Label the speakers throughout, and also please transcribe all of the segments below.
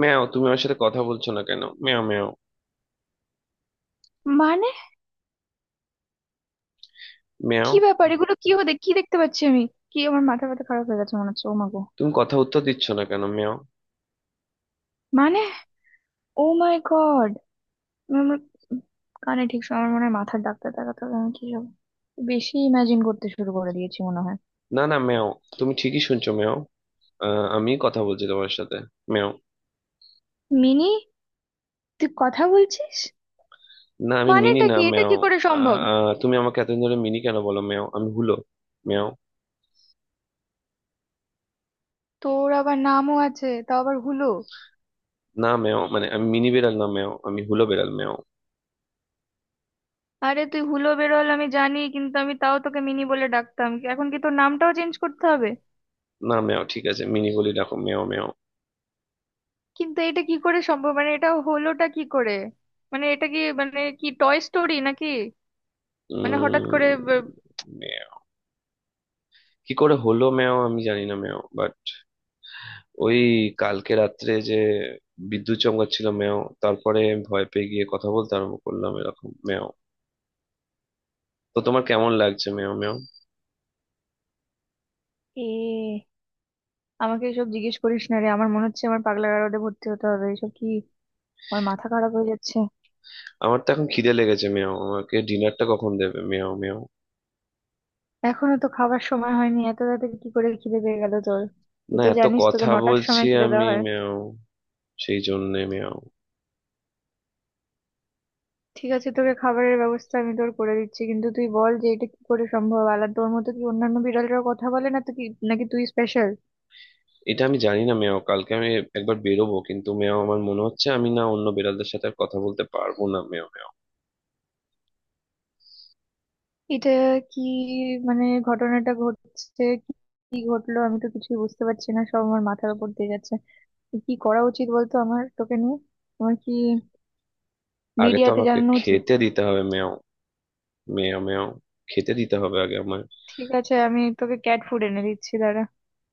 Speaker 1: ম্যাও, তুমি আমার সাথে কথা বলছো না কেন? ম্যাও ম্যাও
Speaker 2: মানে
Speaker 1: ম্যাও,
Speaker 2: কি ব্যাপার? এগুলো কি হতে, কি দেখতে পাচ্ছি আমি? কি আমার মাথা ব্যথা খারাপ হয়ে গেছে মনে হচ্ছে? ও মা গো!
Speaker 1: তুমি কথা উত্তর দিচ্ছ না কেন ম্যাও?
Speaker 2: মানে ও মাই গড! আমার কানে ঠিক সময়, আমার মনে হয় মাথার ডাক্তার দেখাতে হবে। আমি কি সব বেশি ইমাজিন করতে শুরু করে দিয়েছি মনে হয়?
Speaker 1: না না ম্যাও, তুমি ঠিকই শুনছো ম্যাও। আমি কথা বলছি তোমার সাথে ম্যাও।
Speaker 2: মিনি, তুই কথা বলছিস?
Speaker 1: না, আমি মিনি
Speaker 2: মানেটা
Speaker 1: না
Speaker 2: কি, এটা
Speaker 1: ম্যাও।
Speaker 2: কি করে সম্ভব?
Speaker 1: তুমি আমাকে এতদিন ধরে মিনি কেন বলো ম্যাও? আমি হুলো ম্যাও।
Speaker 2: তোর আবার নামও আছে, তাও আবার হুলো?
Speaker 1: না ম্যাও, মানে আমি মিনি বেড়াল না ম্যাও, আমি হুলো বেড়াল ম্যাও।
Speaker 2: আরে তুই হুলো বেরোল আমি জানি, কিন্তু আমি তাও তোকে মিনি বলে ডাকতাম, এখন কি তোর নামটাও চেঞ্জ করতে হবে?
Speaker 1: না ম্যাও, ঠিক আছে মিনি বলি রাখো ম্যাও ম্যাও।
Speaker 2: কিন্তু এটা কি করে সম্ভব? মানে এটা হলোটা কি করে? মানে এটা কি, মানে কি টয় স্টোরি নাকি? মানে হঠাৎ করে
Speaker 1: উম ম্যাও, কি করে হলো ম্যাও? আমি জানি না ম্যাও, বাট ওই কালকে রাত্রে যে বিদ্যুৎ চমকাচ্ছিল মেও, তারপরে আমি ভয় পেয়ে গিয়ে কথা বলতে আরম্ভ করলাম এরকম মেও। তো তোমার কেমন লাগছে মেও মেও?
Speaker 2: এ, আমাকে এসব জিজ্ঞেস করিস না রে, আমার মনে হচ্ছে আমার পাগলা গারদে ভর্তি হতে হবে। এসব কি, আমার মাথা খারাপ হয়ে যাচ্ছে।
Speaker 1: আমার তো এখন খিদে লেগেছে মেও, আমাকে ডিনারটা কখন দেবে মেও মেও?
Speaker 2: এখনো তো খাবার সময় হয়নি, এত তাড়াতাড়ি কি করে খিদে পেয়ে গেল তোর? তুই
Speaker 1: না,
Speaker 2: তো
Speaker 1: এত
Speaker 2: জানিস তোকে
Speaker 1: কথা
Speaker 2: নটার
Speaker 1: বলছি
Speaker 2: সময় খিদে দেওয়া
Speaker 1: আমি
Speaker 2: হয়।
Speaker 1: মেও, সেই জন্যে মেও।
Speaker 2: ঠিক আছে, তোকে খাবারের ব্যবস্থা আমি তোর করে দিচ্ছি, কিন্তু তুই বল যে এটা কি করে সম্ভব? আলাদা তোর মতো কি অন্যান্য বিড়ালরা কথা বলে না তো কি? নাকি তুই স্পেশাল?
Speaker 1: এটা আমি জানি না মেও, কালকে আমি একবার বেরোবো কিন্তু মেও, আমার মনে হচ্ছে আমি না অন্য বিড়ালদের সাথে আর কথা বলতে পারবো না মেও মেও।
Speaker 2: এটা কি, মানে ঘটনাটা ঘটছে কি? কি ঘটলো আমি তো কিছুই বুঝতে পারছি না, সব আমার মাথার উপর দিয়ে যাচ্ছে। কি করা উচিত বলতো আমার তোকে নিয়ে? আমার কি
Speaker 1: আগে তো
Speaker 2: মিডিয়াতে
Speaker 1: আমাকে
Speaker 2: জানানো উচিত?
Speaker 1: খেতে দিতে হবে মেও মেও মেও, খেতে দিতে হবে আগে আমায়।
Speaker 2: ঠিক আছে, আমি তোকে ক্যাট ফুড এনে দিচ্ছি, দাঁড়া।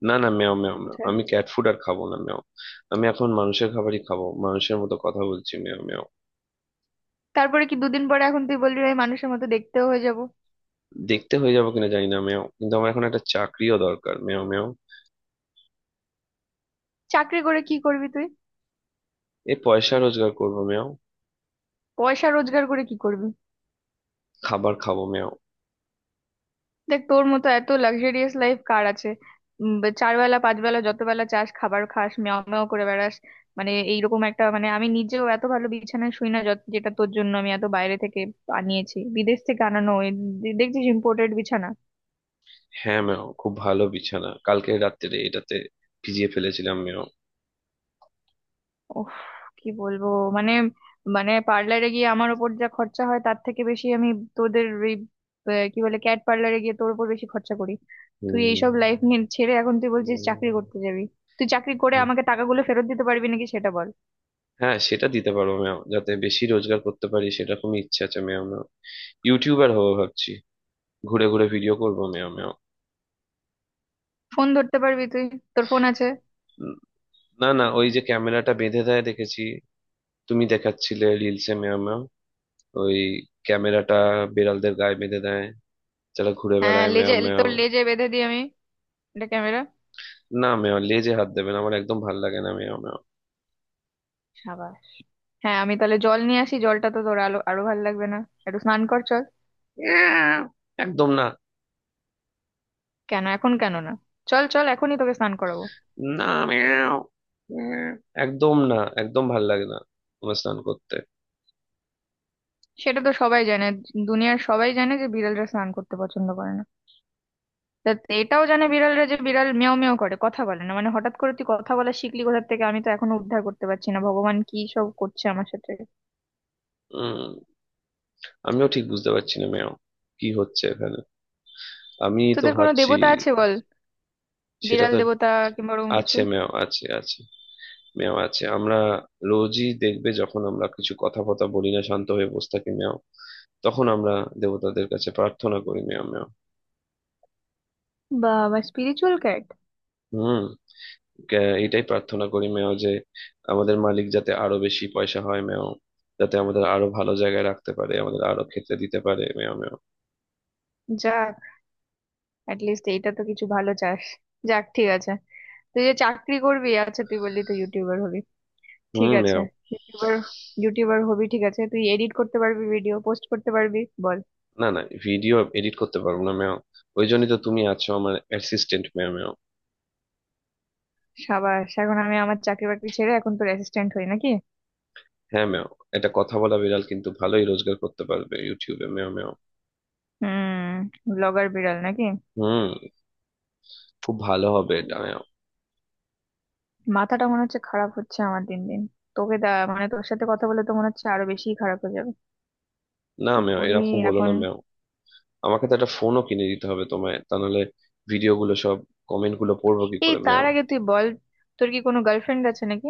Speaker 1: না না মেও মেও মেও,
Speaker 2: কোথায়?
Speaker 1: আমি ক্যাট ফুড আর খাবো না মেও। আমি এখন মানুষের খাবারই খাবো, মানুষের মতো কথা বলছি মেও মেও।
Speaker 2: তারপরে কি দুদিন পরে এখন তুই বলবি আমি মানুষের মতো দেখতেও হয়ে যাব?
Speaker 1: দেখতে হয়ে যাবো কিনা জানি না মেও, কিন্তু আমার এখন একটা চাকরিও দরকার মেও মেও।
Speaker 2: চাকরি করে কি করবি তুই?
Speaker 1: এই পয়সা রোজগার করবো মেও।
Speaker 2: পয়সা রোজগার করে কি করবি?
Speaker 1: খাবার খাবো মেও।
Speaker 2: দেখ, তোর মতো এত লাক্সারিয়াস লাইফ কার আছে? চার বেলা, পাঁচ বেলা, যত বেলা চাস খাবার খাস, মেও মেও করে বেড়াস। মানে এইরকম একটা, মানে আমি নিজেও এত ভালো বিছানায় শুই না যেটা তোর জন্য আমি এত বাইরে থেকে আনিয়েছি, বিদেশ থেকে আনানো এই দেখছিস ইম্পোর্টেড বিছানা।
Speaker 1: হ্যাঁ মেও, খুব ভালো বিছানা, কালকে রাত্রে এটাতে ভিজিয়ে ফেলেছিলাম মেও।
Speaker 2: উফ, কি বলবো! মানে, মানে পার্লারে গিয়ে আমার ওপর যা খরচা হয় তার থেকে বেশি আমি তোদের ওই কি বলে, ক্যাট পার্লারে গিয়ে তোর উপর বেশি খরচা করি। তুই
Speaker 1: হুম।
Speaker 2: এইসব লাইফ নিয়ে ছেড়ে এখন তুই বলছিস চাকরি
Speaker 1: উম,
Speaker 2: করতে যাবি? তুই চাকরি করে আমাকে টাকাগুলো ফেরত দিতে পারবি নাকি সেটা বল।
Speaker 1: হ্যাঁ, সেটা দিতে পারো মেও, যাতে বেশি রোজগার করতে পারি সেরকম ইচ্ছা আছে মেও মেও। ইউটিউবার হবো ভাবছি, ঘুরে ঘুরে ভিডিও করবো মেও মেও।
Speaker 2: ফোন ধরতে পারবি তুই? তোর ফোন আছে?
Speaker 1: না না, ওই যে ক্যামেরাটা বেঁধে দেয় দেখেছি, তুমি দেখাচ্ছিলে রিলসে মেয়া ম্যাম। ওই ক্যামেরাটা বিড়ালদের গায়ে বেঁধে দেয়, যারা ঘুরে
Speaker 2: হ্যাঁ,
Speaker 1: বেড়ায় মেয়া
Speaker 2: লেজে,
Speaker 1: মেয়া।
Speaker 2: তোর লেজে বেঁধে দিই আমি, এটা ক্যামেরা।
Speaker 1: না মেয়া, লেজে হাত দেবে না, আমার একদম ভাল লাগে না মেয়া মেয়া।
Speaker 2: সাবাস! হ্যাঁ, আমি তাহলে জল নিয়ে আসি, জলটা তো তোর আলো আরো ভালো লাগবে না, একটু স্নান কর চল।
Speaker 1: মেয়াও। একদম না।
Speaker 2: কেন এখন কেন না? চল চল, এখনই তোকে স্নান করাবো।
Speaker 1: না মেয়াও মেয়াও। একদম না, একদম ভাল লাগে না তোমার স্নান করতে।
Speaker 2: সেটা তো সবাই জানে, দুনিয়ার সবাই জানে যে বিড়ালরা স্নান করতে পছন্দ করে না। তা এটাও জানে বিড়ালরা যে বিড়াল মেও মেও করে, কথা বলে না। মানে হঠাৎ করে তুই কথা বলা শিখলি কোথা থেকে? আমি তো এখনো উদ্ধার করতে পারছি না, ভগবান কি সব করছে আমার সাথে।
Speaker 1: উম আমিও ঠিক বুঝতে পারছি না মেয়াও, কি হচ্ছে এখানে, আমি তো
Speaker 2: তোদের কোনো
Speaker 1: ভাবছি।
Speaker 2: দেবতা আছে বল,
Speaker 1: সেটা
Speaker 2: বিড়াল
Speaker 1: তো
Speaker 2: দেবতা কিংবা ওরকম কিছু?
Speaker 1: আছে মেয়াও, আছে আছে মেও, আছে আমরা। রোজই দেখবে যখন আমরা কিছু কথা ফথা বলি না, শান্ত হয়ে বসে থাকি মেও, তখন আমরা দেবতাদের কাছে প্রার্থনা করি মেও মেও।
Speaker 2: বাবা, স্পিরিচুয়াল ক্যাট!
Speaker 1: হুম। এটাই প্রার্থনা করি মেও, যে আমাদের মালিক যাতে আরো বেশি পয়সা হয় মেও, যাতে আমাদের আরো ভালো জায়গায় রাখতে পারে, আমাদের আরো খেতে দিতে পারে মেও মেও।
Speaker 2: যাক, লিস্ট এইটা তো কিছু ভালো চাস, যাক ঠিক আছে। তুই যে চাকরি করবি, আচ্ছা তুই বললি তুই ইউটিউবার হবি, ঠিক
Speaker 1: হুম
Speaker 2: আছে,
Speaker 1: মেও।
Speaker 2: ইউটিউবার। ইউটিউবার হবি ঠিক আছে, তুই এডিট করতে পারবি, ভিডিও পোস্ট করতে পারবি? বল।
Speaker 1: না না, ভিডিও এডিট করতে পারবো না মেও, ওই জন্যই তো তুমি আছো আমার অ্যাসিস্ট্যান্ট মেও মেও।
Speaker 2: সাবাস! এখন আমি আমার চাকরি বাকরি ছেড়ে এখন তোর অ্যাসিস্ট্যান্ট হই নাকি?
Speaker 1: হ্যাঁ মেও, এটা কথা বলা বিড়াল কিন্তু ভালোই রোজগার করতে পারবে ইউটিউবে মেও মেও।
Speaker 2: হুম, ব্লগার বিড়াল নাকি?
Speaker 1: হুম, খুব ভালো হবে এটা।
Speaker 2: মাথাটা মনে হচ্ছে খারাপ হচ্ছে আমার দিন দিন। তোকে দা মানে তোর সাথে কথা বলে তো মনে হচ্ছে আরো বেশি খারাপ হয়ে যাবে।
Speaker 1: না,
Speaker 2: কি
Speaker 1: আমিও
Speaker 2: করি
Speaker 1: এরকম বলো না
Speaker 2: এখন?
Speaker 1: মেও। আমাকে তো একটা ফোনও কিনে দিতে হবে তোমায়, তা নাহলে ভিডিও গুলো সব কমেন্ট গুলো পড়বো কি
Speaker 2: এই,
Speaker 1: করে মেও?
Speaker 2: তার আগে তুই বল, তোর কি কোনো গার্লফ্রেন্ড আছে নাকি?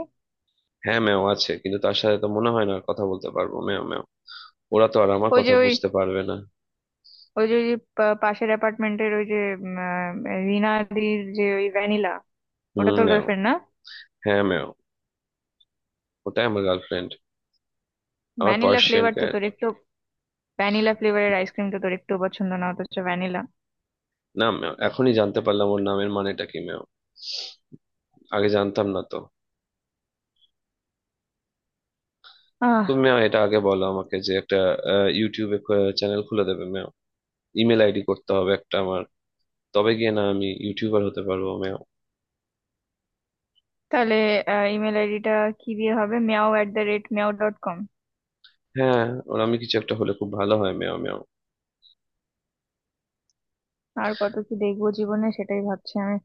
Speaker 1: হ্যাঁ মেও আছে, কিন্তু তার সাথে তো মনে হয় না আর কথা বলতে পারবো মেও মেও। ওরা তো আর আমার
Speaker 2: ওই
Speaker 1: কথা
Speaker 2: যে ওই
Speaker 1: বুঝতে পারবে না।
Speaker 2: ওই যে পাশের অ্যাপার্টমেন্টের ওই যে উম, আহ, রিনাদির যে ওই ভ্যানিলা,
Speaker 1: হুম
Speaker 2: ওটা তোর
Speaker 1: মেও।
Speaker 2: গার্লফ্রেন্ড না?
Speaker 1: হ্যাঁ মেও, ওটাই আমার গার্লফ্রেন্ড, আমার
Speaker 2: ভ্যানিলা
Speaker 1: পার্সিয়ান
Speaker 2: ফ্লেভার তো
Speaker 1: ক্যাট।
Speaker 2: তোর একটু, ভ্যানিলা ফ্লেভারের আইসক্রিম তো তোর একটু পছন্দ, না? অথচ ভ্যানিলা।
Speaker 1: না মেও, এখনই জানতে পারলাম ওর নামের মানেটা কি মেও, আগে জানতাম না তো। তুমি মেও এটা আগে বলো আমাকে, যে একটা ইউটিউবে চ্যানেল খুলে দেবে মেও। ইমেল আইডি করতে হবে একটা আমার, তবে গিয়ে না আমি ইউটিউবার হতে পারবো মেও।
Speaker 2: তাহলে ইমেল আইডিটা কি দিয়ে হবে? Meow at the rate meow dot com?
Speaker 1: হ্যাঁ, ওরামি কিছু একটা হলে খুব ভালো হয় মেও মেও।
Speaker 2: আর কত কি দেখবো জীবনে সেটাই ভাবছি আমি।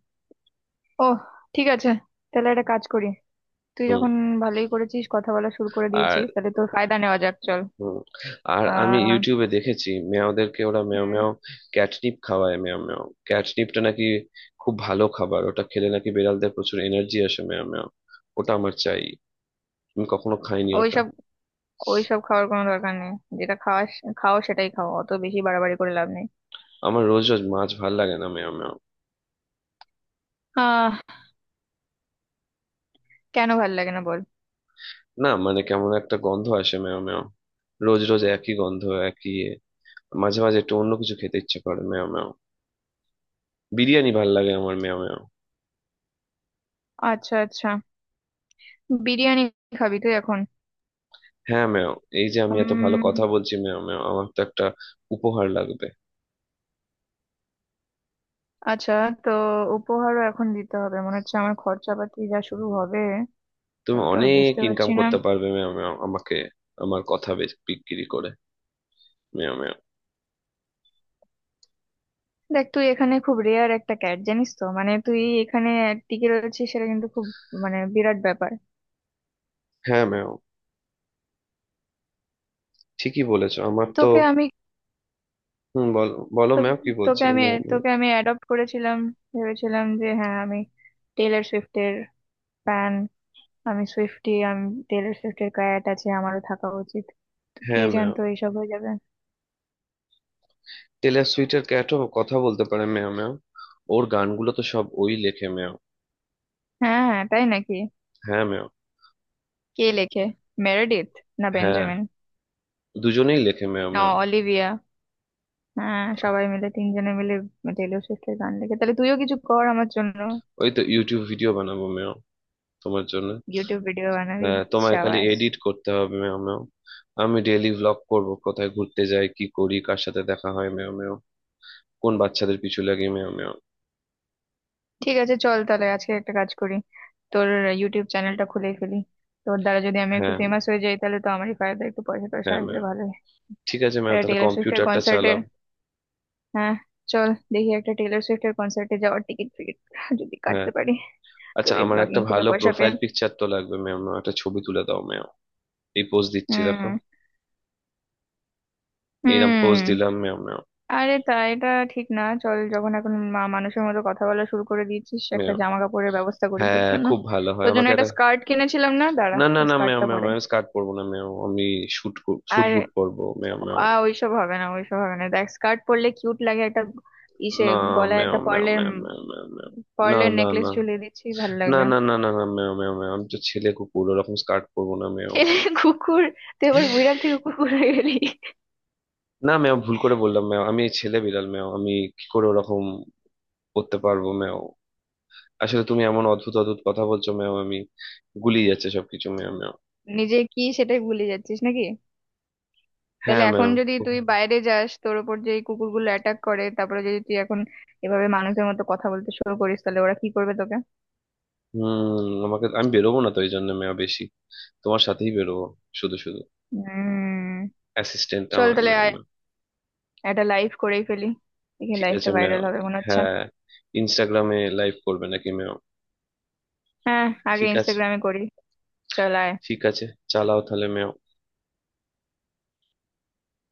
Speaker 2: ও ঠিক আছে, তাহলে একটা কাজ করি। তুই
Speaker 1: হুম।
Speaker 2: যখন ভালোই করেছিস, কথা বলা শুরু করে
Speaker 1: আর
Speaker 2: দিয়েছিস, তাহলে তোর ফায়দা নেওয়া যাক চল।
Speaker 1: হুম, আর আমি
Speaker 2: আহ
Speaker 1: ইউটিউবে দেখেছি মেয়াওদেরকে ওরা মেও
Speaker 2: হম
Speaker 1: মেও ক্যাটনিপ খাওয়ায় মেও মেও। ক্যাটনিপটা নাকি খুব ভালো খাবার, ওটা খেলে নাকি বিড়ালদের প্রচুর এনার্জি আসে মেও মেও। ওটা আমার চাই, আমি কখনো খাইনি ওটা।
Speaker 2: ওইসব, ওইসব খাওয়ার কোনো দরকার নেই। যেটা খাওয়াস, খাও সেটাই খাও, অত বেশি বাড়াবাড়ি করে লাভ নেই।
Speaker 1: আমার রোজ রোজ মাছ ভাল লাগে না মেও মেও।
Speaker 2: আহ কেন ভাল লাগে না বল?
Speaker 1: না মানে, কেমন একটা গন্ধ আসে মেও মেও, রোজ রোজ একই গন্ধ, একই মাঝে মাঝে একটু অন্য কিছু খেতে ইচ্ছে করে মেও মেও। বিরিয়ানি ভাল লাগে আমার মেও মেও।
Speaker 2: আচ্ছা আচ্ছা, বিরিয়ানি খাবি তুই এখন?
Speaker 1: হ্যাঁ ম্যাম, এই যে আমি এত ভালো কথা বলছি ম্যাম ম্যাম, আমার তো একটা উপহার লাগবে।
Speaker 2: আচ্ছা, তো উপহারও এখন দিতে হবে মনে হচ্ছে, আমার খরচাপাতি যা শুরু
Speaker 1: হুম।
Speaker 2: হবে!
Speaker 1: তুমি
Speaker 2: আমি তো আর
Speaker 1: অনেক
Speaker 2: বুঝতে
Speaker 1: ইনকাম
Speaker 2: পারছি না,
Speaker 1: করতে
Speaker 2: হুম।
Speaker 1: পারবে ম্যাম ম্যাম, আমাকে আমার কথা বিক্রি করে ম্যাম ম্যাম।
Speaker 2: দেখ, তুই এখানে খুব রেয়ার একটা ক্যাট জানিস তো, মানে তুই এখানে টিকে রয়েছিস সেটা কিন্তু খুব, মানে বিরাট ব্যাপার।
Speaker 1: হ্যাঁ ম্যাম, ঠিকই বলেছো আমার তো।
Speaker 2: তোকে আমি
Speaker 1: হুম, বল, বলো
Speaker 2: তো-
Speaker 1: ম্যাম, কি
Speaker 2: তোকে
Speaker 1: বলছিলে
Speaker 2: আমি
Speaker 1: ম্যাম ম্যাম?
Speaker 2: তোকে আমি অ্যাডপ্ট করেছিলাম, ভেবেছিলাম যে হ্যাঁ আমি টেলর সুইফটের ফ্যান, আমি সুইফটি, আমি, টেলর সুইফটের ক্যাট আছে, আমারও থাকা উচিত। তো কে
Speaker 1: হ্যাঁ ম্যাম,
Speaker 2: জানতো এইসব হয়ে যাবে?
Speaker 1: টেলর সুইটের ক্যাটও কথা বলতে পারে ম্যাম ম্যাম, ওর গানগুলো তো সব ওই লেখে ম্যাম।
Speaker 2: হ্যাঁ হ্যাঁ তাই নাকি?
Speaker 1: হ্যাঁ ম্যাম।
Speaker 2: কে লেখে, মেরেডিথ না
Speaker 1: হ্যাঁ,
Speaker 2: বেঞ্জামিন?
Speaker 1: দুজনেই লেখে ম্যাম
Speaker 2: ও
Speaker 1: ম্যাম।
Speaker 2: অলিভিয়া, হ্যাঁ সবাই মিলে, তিনজনে মিলে টেলর সুইফটের গান দেখে, তাহলে তুইও কিছু কর আমার জন্য।
Speaker 1: ওই তো ইউটিউব ভিডিও বানাবো ম্যাম, তোমার জন্য।
Speaker 2: ইউটিউব ভিডিও বানাবি?
Speaker 1: হ্যাঁ, তোমায় খালি
Speaker 2: সাবাস!
Speaker 1: এডিট করতে হবে মেও মেও। আমি ডেইলি ভ্লগ করব, কোথায় ঘুরতে যাই, কি করি, কার সাথে দেখা হয় মেও মেও, কোন বাচ্চাদের পিছু লাগি মেও মেও।
Speaker 2: ঠিক আছে চল, তাহলে আজকে একটা কাজ করি, তোর ইউটিউব চ্যানেলটা খুলে ফেলি। তোর দ্বারা যদি আমি একটু
Speaker 1: হ্যাঁ।
Speaker 2: ফেমাস হয়ে যাই, তাহলে তো আমারই ফায়দা, একটু পয়সা টয়সা
Speaker 1: হ্যাঁ
Speaker 2: আসবে
Speaker 1: মেও।
Speaker 2: ভালোই।
Speaker 1: ঠিক আছে মেও,
Speaker 2: একটা
Speaker 1: তাহলে
Speaker 2: টেলর সুইফটের
Speaker 1: কম্পিউটারটা
Speaker 2: কনসার্টে,
Speaker 1: চালাও।
Speaker 2: হ্যাঁ, চল দেখি একটা টেলর সুইফটের কনসার্টে যাওয়ার টিকিট ফিকিট যদি
Speaker 1: হ্যাঁ,
Speaker 2: কাটতে পারি
Speaker 1: আচ্ছা
Speaker 2: তোর এই
Speaker 1: আমার একটা
Speaker 2: ব্লগিং থেকে
Speaker 1: ভালো
Speaker 2: পয়সা পেয়ে।
Speaker 1: প্রোফাইল পিকচার তো লাগবে মেও মেও, একটা ছবি তুলে দাও মেও। এই পোজ দিচ্ছি দেখো,
Speaker 2: হুম,
Speaker 1: এইরকম পোজ
Speaker 2: হুম।
Speaker 1: দিলাম মেও মেও।
Speaker 2: আরে তা এটা ঠিক না, চল যখন এখন মানুষের মতো কথা বলা শুরু করে দিয়েছিস, একটা
Speaker 1: মেও।
Speaker 2: জামা কাপড়ের ব্যবস্থা করি তোর
Speaker 1: হ্যাঁ
Speaker 2: জন্য।
Speaker 1: খুব ভালো হয়,
Speaker 2: তোর জন্য
Speaker 1: আমাকে একটা।
Speaker 2: একটা স্কার্ট কিনেছিলাম না, দাঁড়া।
Speaker 1: না না না মেও
Speaker 2: স্কার্টটা
Speaker 1: মেও
Speaker 2: পরে
Speaker 1: মেও, স্কার্ট পরবো না মেও, আমি শুট, শুট
Speaker 2: আর,
Speaker 1: বুট পরবো মেও মেও।
Speaker 2: আ, ওইসব হবে না, ওইসব হবে না, দেখ স্কার্ট পরলে কিউট লাগে, একটা ইসে
Speaker 1: না
Speaker 2: গলায়
Speaker 1: ম্যাও
Speaker 2: একটা
Speaker 1: ম্যাও
Speaker 2: পার্লের,
Speaker 1: ম্যাও ম্যাও ম্যাও ম্যাও। না
Speaker 2: পার্লের
Speaker 1: না
Speaker 2: নেকলেস
Speaker 1: না
Speaker 2: ঝুলিয়ে দিচ্ছি, ভালো
Speaker 1: না
Speaker 2: লাগবে।
Speaker 1: না না না না ম্যাও ম্যাও ম্যাও, আমি তো ছেলে কুকুর ওরকম স্কার্ট পরবো না ম্যাও।
Speaker 2: ছেলে কুকুর? তুই এবার বিড়াল থেকে কুকুর হয়ে গেলি?
Speaker 1: না ম্যাও, ভুল করে বললাম ম্যাও, আমি ছেলে বিড়াল ম্যাও, আমি কি করে ওরকম করতে পারবো ম্যাও? আসলে তুমি এমন অদ্ভুত অদ্ভুত কথা বলছো ম্যাও, আমি গুলিয়ে যাচ্ছে সবকিছু ম্যাও ম্যাও।
Speaker 2: নিজে কি সেটাই ভুলে যাচ্ছিস নাকি? তাহলে
Speaker 1: হ্যাঁ ম্যাও।
Speaker 2: এখন যদি তুই বাইরে যাস, তোর উপর যে এই কুকুরগুলো অ্যাটাক করে, তারপরে যদি তুই এখন এভাবে মানুষের মতো কথা বলতে শুরু করিস, তাহলে ওরা কি করবে তোকে?
Speaker 1: হুম, আমাকে আমি বেরোবো না তো এই জন্য ম্যাও, বেশি তোমার সাথেই বেরোবো, শুধু শুধু
Speaker 2: হম,
Speaker 1: অ্যাসিস্ট্যান্ট
Speaker 2: চল
Speaker 1: আমার
Speaker 2: তাহলে
Speaker 1: ম্যাও
Speaker 2: আয়,
Speaker 1: ম্যাও।
Speaker 2: একটা লাইভ করেই ফেলি, দেখি
Speaker 1: ঠিক আছে
Speaker 2: লাইভটা
Speaker 1: ম্যাও।
Speaker 2: ভাইরাল হবে মনে হচ্ছে।
Speaker 1: হ্যাঁ, ইনস্টাগ্রামে লাইভ করবে নাকি ম্যাও?
Speaker 2: হ্যাঁ, আগে
Speaker 1: ঠিক আছে।
Speaker 2: ইনস্টাগ্রামে করি, চল আয়।
Speaker 1: ঠিক আছে, চালাও তাহলে ম্যাও।